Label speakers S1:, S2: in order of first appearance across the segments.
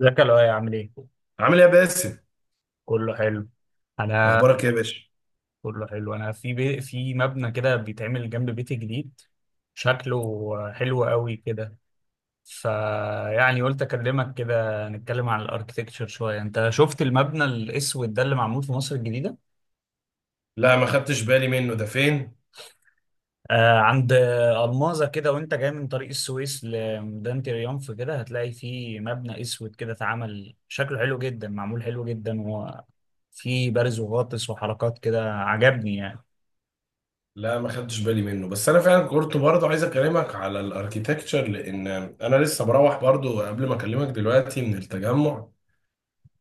S1: ازيك يا لؤي عامل ايه؟
S2: عامل ايه يا باسم؟
S1: كله حلو. انا
S2: اخبارك ايه يا باشا؟
S1: كله حلو. انا في في مبنى كده بيتعمل جنب بيتي جديد، شكله حلو قوي كده. فيعني قلت اكلمك كده نتكلم عن الاركتكتشر شويه. انت شفت المبنى الاسود ده اللي معمول في مصر الجديده؟
S2: لا ما خدتش بالي منه، ده فين؟
S1: آه، عند الماظه كده، وانت جاي من طريق السويس لميدان تريومف كده هتلاقي فيه مبنى اسود كده اتعمل، شكله حلو جدا، معمول حلو جدا، وفيه بارز وغاطس وحركات كده عجبني.
S2: لا ما خدتش بالي منه، بس انا فعلا كنت برضه عايز اكلمك على الاركيتكتشر، لان انا لسه مروح برضه قبل ما اكلمك دلوقتي من التجمع،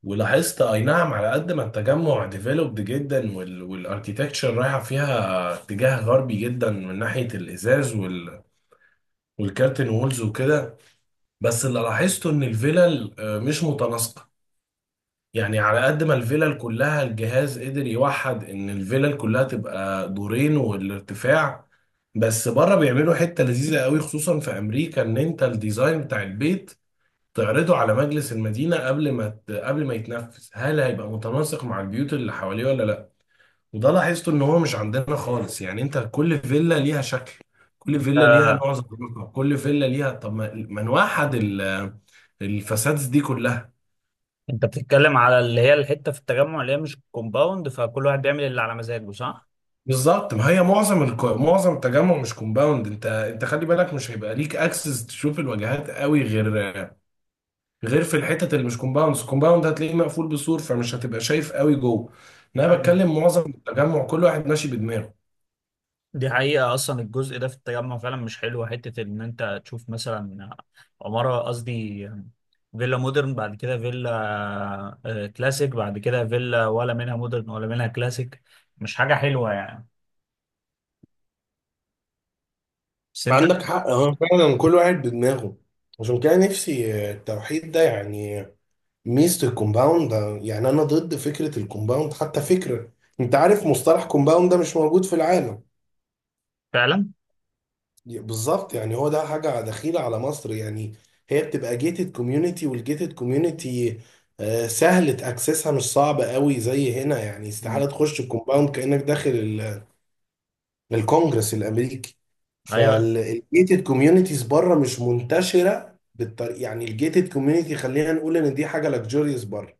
S2: ولاحظت اي نعم على قد ما التجمع ديفلوبد جدا والاركيتكتشر رايحه فيها اتجاه غربي جدا، من ناحيه الازاز والكارتن وولز وكده. بس اللي لاحظته ان الفيلل مش متناسقه. يعني على قد ما الفيلل كلها الجهاز قدر يوحد ان الفيلل كلها تبقى دورين والارتفاع، بس بره بيعملوا حتة لذيذة قوي خصوصا في امريكا، ان انت الديزاين بتاع البيت تعرضه على مجلس المدينة قبل ما يتنفذ، هل هيبقى متناسق مع البيوت اللي حواليه ولا لا. وده لاحظته ان هو مش عندنا خالص، يعني انت كل فيلا ليها شكل، كل فيلا ليها
S1: يعني
S2: نوع زخرفة، كل فيلا ليها، طب ما نوحد الفسادس دي كلها.
S1: انت بتتكلم على اللي هي الحته في التجمع اللي هي مش كومباوند، فكل واحد بيعمل اللي على مزاجه صح؟
S2: بالظبط، ما هي معظم التجمع مش كومباوند، انت خلي بالك مش هيبقى ليك اكسس تشوف الواجهات قوي، غير في الحتت اللي مش كومباوند. الكومباوند هتلاقيه مقفول بسور، فمش هتبقى شايف قوي جوه. انا
S1: ايوه،
S2: بتكلم معظم التجمع كل واحد ماشي بدماغه.
S1: دي حقيقة. أصلا الجزء ده في التجمع فعلا مش حلو، حتة إن أنت تشوف مثلا عمارة قصدي فيلا مودرن، بعد كده فيلا كلاسيك، بعد كده فيلا ولا منها مودرن ولا منها كلاسيك. مش حاجة حلوة يعني. بس أنت
S2: عندك حق، اه فعلا كل واحد بدماغه. عشان كده نفسي التوحيد ده، يعني ميزة الكومباوند ده. يعني أنا ضد فكرة الكومباوند، حتى فكرة، أنت عارف مصطلح كومباوند ده مش موجود في العالم.
S1: فعلا.
S2: بالظبط، يعني هو ده حاجة دخيلة على مصر يعني. هي بتبقى جيتد كوميونتي، والجيتد كوميونتي سهل تأكسسها، مش صعب قوي زي هنا، يعني
S1: مم.
S2: استحالة تخش الكومباوند كأنك داخل الكونجرس الأمريكي.
S1: أيوه.
S2: فالجيتد كوميونيتيز بره مش منتشرة بالطريقة، يعني الجيتد كوميونتي خلينا نقول إن دي حاجة لكجوريوس بره.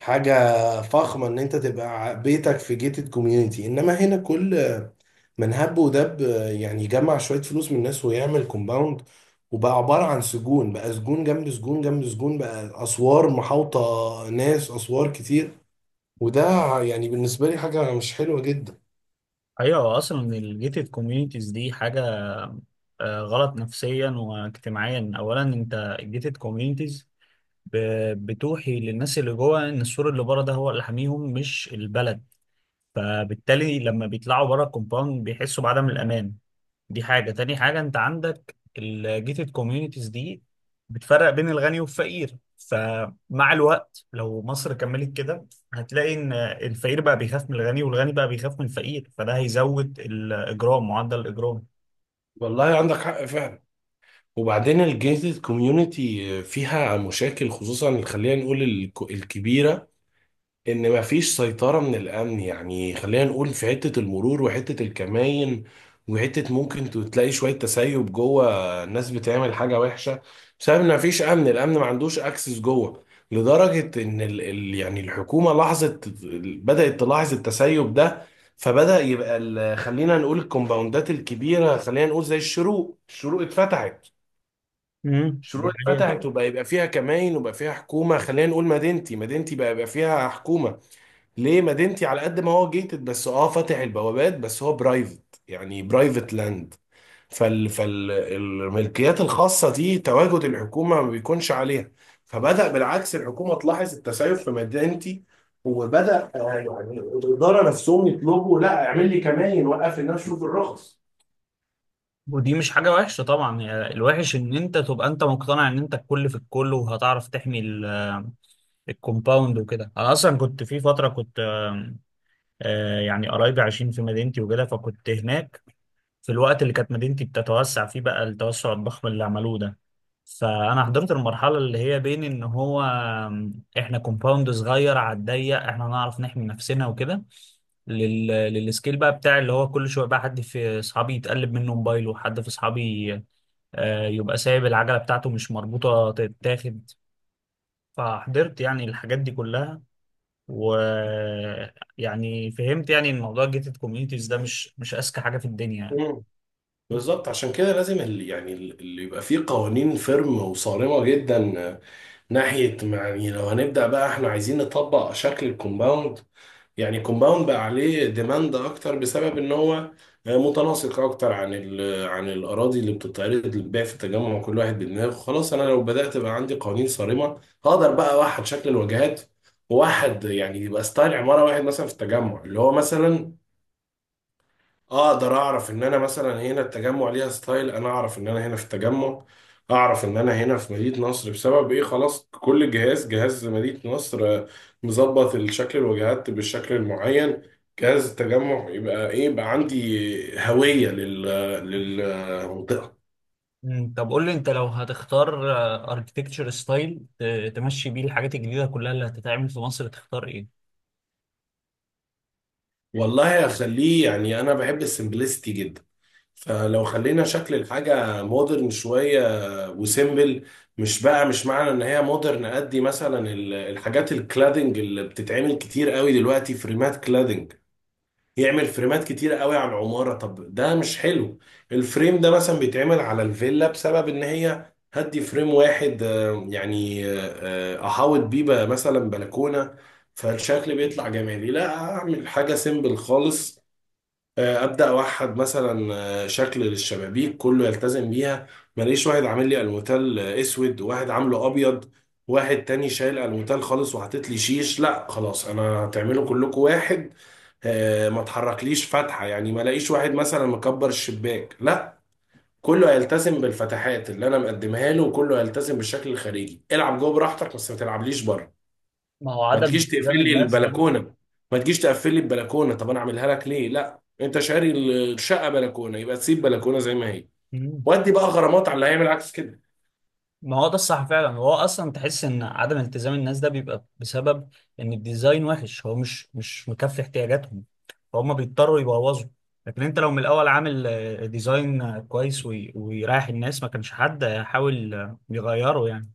S2: حاجة فخمة ان انت تبقى بيتك في جيتد كوميونيتي، انما هنا كل من هب ودب يعني يجمع شوية فلوس من الناس ويعمل كومباوند. وبقى عبارة عن سجون، بقى سجون جنب سجون جنب سجون، بقى اسوار محاوطة ناس، اسوار كتير. وده يعني بالنسبة لي حاجة مش حلوة جدا.
S1: أيوه، أصلا الجيتد كوميونيتيز دي حاجة غلط نفسيا واجتماعيا. أولا أنت الجيتد كوميونيتيز بتوحي للناس اللي جوه ان السور اللي بره ده هو اللي حاميهم مش البلد، فبالتالي لما بيطلعوا بره الكومباوند بيحسوا بعدم الامان. دي حاجه، تاني حاجه انت عندك الجيتد كوميونيتيز دي بتفرق بين الغني والفقير، فمع الوقت لو مصر كملت كده هتلاقي ان الفقير بقى بيخاف من الغني والغني بقى بيخاف من الفقير، فده هيزود الاجرام، معدل الاجرام.
S2: والله عندك حق فعلا. وبعدين الجيتد كوميونيتي فيها مشاكل، خصوصا خلينا نقول الكبيرة، ان مفيش سيطرة من الامن، يعني خلينا نقول في حتة المرور وحتة الكماين، وحتة ممكن تلاقي شوية تسيب جوه، الناس بتعمل حاجة وحشة بسبب ان مفيش امن. الامن ما عندوش اكسس جوه، لدرجة ان ال يعني الحكومة لاحظت، بدأت تلاحظ التسيب ده. فبدأ يبقى خلينا نقول الكومباوندات الكبيرة، خلينا نقول زي الشروق.
S1: امم، دي
S2: الشروق
S1: حقيقة.
S2: اتفتحت وبقى يبقى فيها كماين وبقى فيها حكومة. خلينا نقول مدينتي، مدينتي بقى يبقى فيها حكومة. ليه؟ مدينتي على قد ما هو جيتد، بس اه فاتح البوابات، بس هو برايفت، يعني برايفت لاند. فالملكيات الخاصة دي تواجد الحكومة ما بيكونش عليها. فبدأ بالعكس الحكومة تلاحظ التسيب في مدينتي، وبدأ يعني الإدارة نفسهم يطلبوا، لا اعمل لي كمان، وقف لي الناس، شوف الرخص.
S1: ودي مش حاجة وحشة طبعا، يعني الوحش ان انت تبقى انت مقتنع ان انت الكل في الكل وهتعرف تحمي الكومباوند وكده. انا اصلا كنت في فترة كنت يعني قرايبي عايشين في مدينتي وكده، فكنت هناك في الوقت اللي كانت مدينتي بتتوسع فيه بقى التوسع الضخم اللي عملوه ده. فانا حضرت المرحلة اللي هي بين ان هو احنا كومباوند صغير على الضيق، احنا نعرف نحمي نفسنا وكده، للسكيل بقى بتاع اللي هو كل شويه بقى حد في اصحابي يتقلب منه موبايله، حد في اصحابي يبقى سايب العجلة بتاعته مش مربوطة تتاخد. فحضرت يعني الحاجات دي كلها، ويعني فهمت يعني إن موضوع الجيتد كوميونيتيز ده مش أذكى حاجة في الدنيا يعني.
S2: مم. بالظبط، عشان كده لازم يعني اللي يبقى فيه قوانين فيرم وصارمة جدا. ناحية يعني لو هنبدأ بقى احنا عايزين نطبق شكل الكومباوند. يعني كومباوند بقى عليه ديماند اكتر بسبب ان هو متناسق اكتر عن عن الاراضي اللي بتتعرض للبيع في التجمع، كل واحد بدماغه. خلاص انا لو بدات بقى عندي قوانين صارمه هقدر بقى اوحد شكل الواجهات واحد، يعني يبقى ستايل عماره واحد مثلا في التجمع اللي هو مثلا اقدر اعرف ان انا مثلا هنا التجمع ليها ستايل، انا اعرف ان انا هنا في التجمع، اعرف ان انا هنا في مدينة نصر بسبب ايه. خلاص كل جهاز، جهاز مدينة نصر مظبط الشكل الواجهات بالشكل المعين، جهاز التجمع يبقى ايه، يبقى عندي هوية للمنطقة.
S1: مم، طب قول لي انت لو هتختار اركتكتشر ستايل تمشي بيه الحاجات الجديدة كلها اللي هتتعمل في مصر، تختار ايه؟
S2: والله هخليه، يعني انا بحب السمبلسيتي جدا، فلو خلينا شكل الحاجة مودرن شوية وسيمبل. مش بقى مش معنى ان هي مودرن قد مثلا الحاجات الكلادنج اللي بتتعمل كتير قوي دلوقتي، فريمات كلادنج، يعمل فريمات كتير قوي على العمارة. طب ده مش حلو. الفريم ده مثلا بيتعمل على الفيلا بسبب ان هي هدي فريم واحد، احاوط بيه بقى مثلا بلكونة. فالشكل بيطلع جمالي. لا اعمل حاجة سيمبل خالص. ابدا اوحد مثلا شكل للشبابيك كله يلتزم بيها. ماليش واحد عامل لي الموتال اسود وواحد عامله ابيض، واحد تاني شايل الموتال خالص وحاطط لي شيش. لا خلاص، انا هتعملوا كلكم واحد. ما تحركليش فتحه، يعني ما الاقيش واحد مثلا مكبر الشباك. لا، كله هيلتزم بالفتحات اللي انا مقدمها له، وكله هيلتزم بالشكل الخارجي. العب جوه براحتك بس ما تلعبليش بره.
S1: ما هو
S2: ما
S1: عدم
S2: تجيش
S1: التزام
S2: تقفل لي
S1: الناس ده.
S2: البلكونه، ما تجيش تقفل لي البلكونه، طب انا اعملها لك ليه؟ لا انت شاري الشقه بلكونه، يبقى تسيب بلكونه زي ما هي.
S1: مم.
S2: ودي بقى غرامات على اللي هيعمل عكس كده.
S1: ما هو ده الصح فعلا. هو اصلا تحس ان عدم التزام الناس ده بيبقى بسبب ان الديزاين وحش، هو مش مكفي احتياجاتهم، فهم بيضطروا يبوظوا. لكن انت لو من الاول عامل ديزاين كويس ويريح الناس، ما كانش حد هيحاول يغيره يعني.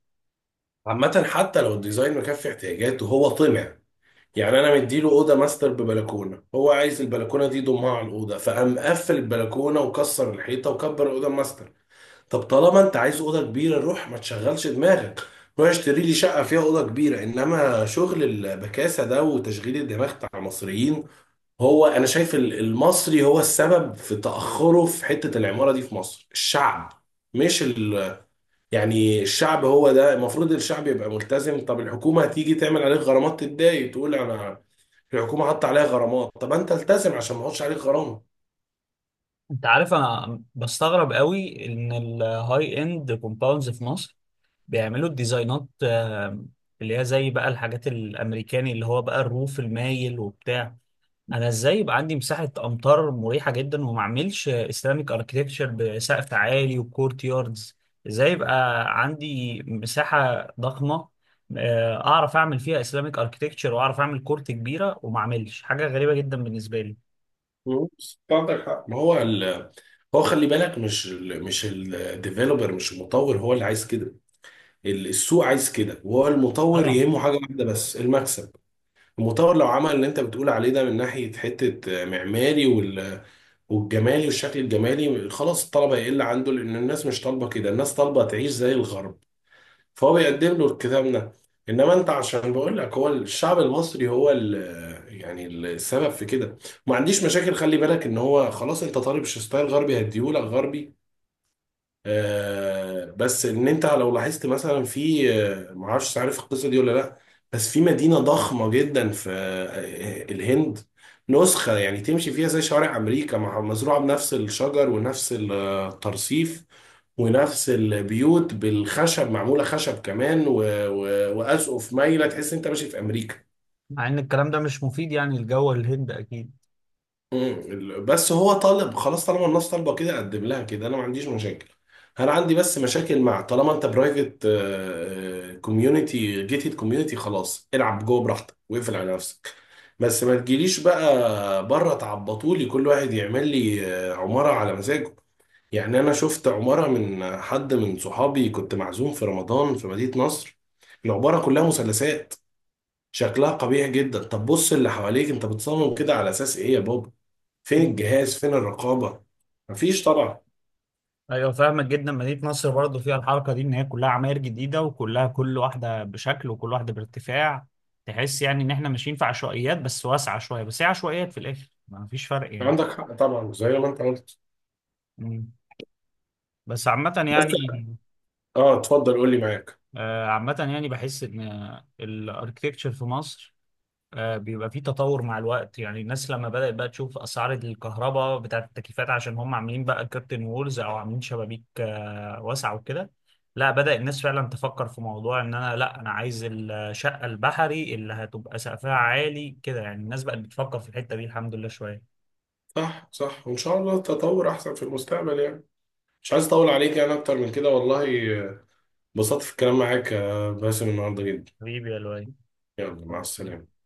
S2: عامه حتى لو الديزاين مكفي احتياجاته، هو طمع. يعني انا مديله اوضه ماستر ببلكونه، هو عايز البلكونه دي يضمها على الاوضه، فقام مقفل البلكونه وكسر الحيطه وكبر الاوضه ماستر. طب طالما انت عايز اوضه كبيره، روح ما تشغلش دماغك، روح اشتري لي شقه فيها اوضه كبيره، انما شغل البكاسه ده وتشغيل الدماغ بتاع المصريين. هو انا شايف المصري هو السبب في تاخره في حته العماره دي في مصر، الشعب، مش ال... يعني الشعب هو ده المفروض، الشعب يبقى ملتزم. طب الحكومه هتيجي تعمل عليك غرامات، تتضايق تقول انا الحكومه حاطه عليا غرامات. طب انت التزم عشان ما احطش عليك غرامه.
S1: انت عارف، انا بستغرب قوي ان الهاي اند كومباوندز في مصر بيعملوا الديزاينات اللي هي زي بقى الحاجات الامريكاني اللي هو بقى الروف المايل وبتاع. انا ازاي يبقى عندي مساحه امطار مريحه جدا وما اعملش اسلاميك اركتكتشر بسقف عالي وكورت ياردز؟ ازاي يبقى عندي مساحه ضخمه اعرف اعمل فيها اسلاميك اركتكتشر واعرف اعمل كورت كبيره وما اعملش حاجه غريبه جدا بالنسبه لي؟
S2: مم. عندك حق. ما هو ال... هو خلي بالك مش الديفيلوبر، مش المطور هو اللي عايز كده. السوق عايز كده، وهو المطور
S1: طبعا.
S2: يهمه حاجه واحده بس، المكسب. المطور لو عمل اللي انت بتقول عليه ده من ناحية حتة معماري والجمالي والشكل الجمالي، خلاص الطلبة هيقل عنده، لأن الناس مش طالبة كده، الناس طالبة تعيش زي الغرب، فهو بيقدم له الكتاب ده. إنما أنت عشان بقول لك هو الشعب المصري هو ال، يعني السبب في كده. ما عنديش مشاكل، خلي بالك إن هو خلاص أنت طالب ستايل غربي، هديهولك غربي. بس ان انت لو لاحظت مثلا في، معرفش عارف القصه دي ولا لا، بس في مدينه ضخمه جدا في الهند، نسخه يعني تمشي فيها زي شوارع امريكا، مزروعه بنفس الشجر ونفس الترصيف ونفس البيوت بالخشب، معموله خشب كمان واسقف مايله، تحس انت ماشي في امريكا.
S1: مع ان الكلام ده مش مفيد يعني لجو الهند اكيد.
S2: مم. بس هو طالب، خلاص طالما الناس طالبه كده اقدم لها كده، انا ما عنديش مشاكل. انا عندي بس مشاكل مع، طالما انت برايفت كوميونتي، جيتد كوميونتي، خلاص العب جوه براحتك واقفل على نفسك. بس ما تجيليش بقى بره تعبطولي كل واحد يعمل لي عماره على مزاجه. يعني انا شفت عماره من حد من صحابي كنت معزوم في رمضان في مدينه نصر، العباره كلها مثلثات، شكلها قبيح جدا. طب بص اللي حواليك، انت بتصمم كده على اساس ايه يا بابا؟ فين الجهاز؟ فين الرقابة؟ مفيش طبعا.
S1: ايوه، فاهمك جدا. مدينه نصر برضه فيها الحركه دي، ان هي كلها عماير جديده وكلها كل واحده بشكل وكل واحده بارتفاع. تحس يعني ان احنا ماشيين في عشوائيات بس واسعه شويه، بس هي عشوائيات في الاخر، ما فيش فرق يعني.
S2: عندك حق طبعا زي ما انت قلت.
S1: مم. بس عامه
S2: بس
S1: يعني.
S2: اه اتفضل قول لي، معاك.
S1: عامه يعني بحس ان الاركتكتشر في مصر بيبقى في تطور مع الوقت. يعني الناس لما بدأت بقى تشوف أسعار الكهرباء بتاعة التكييفات عشان هم عاملين بقى كيرتن وولز أو عاملين شبابيك واسعة وكده، لا، بدأ الناس فعلا تفكر في موضوع إن أنا لا، أنا عايز الشقة البحري اللي هتبقى سقفها عالي كده. يعني الناس بقت بتفكر في الحتة دي الحمد لله شوية.
S2: صح صح، وان شاء الله تطور احسن في المستقبل يعني. مش عايز اطول عليك يعني اكتر من كده والله. آه، انبسطت في الكلام معاك باسم النهارده جدا.
S1: حبيبي يا لؤي.
S2: يلا مع السلامة.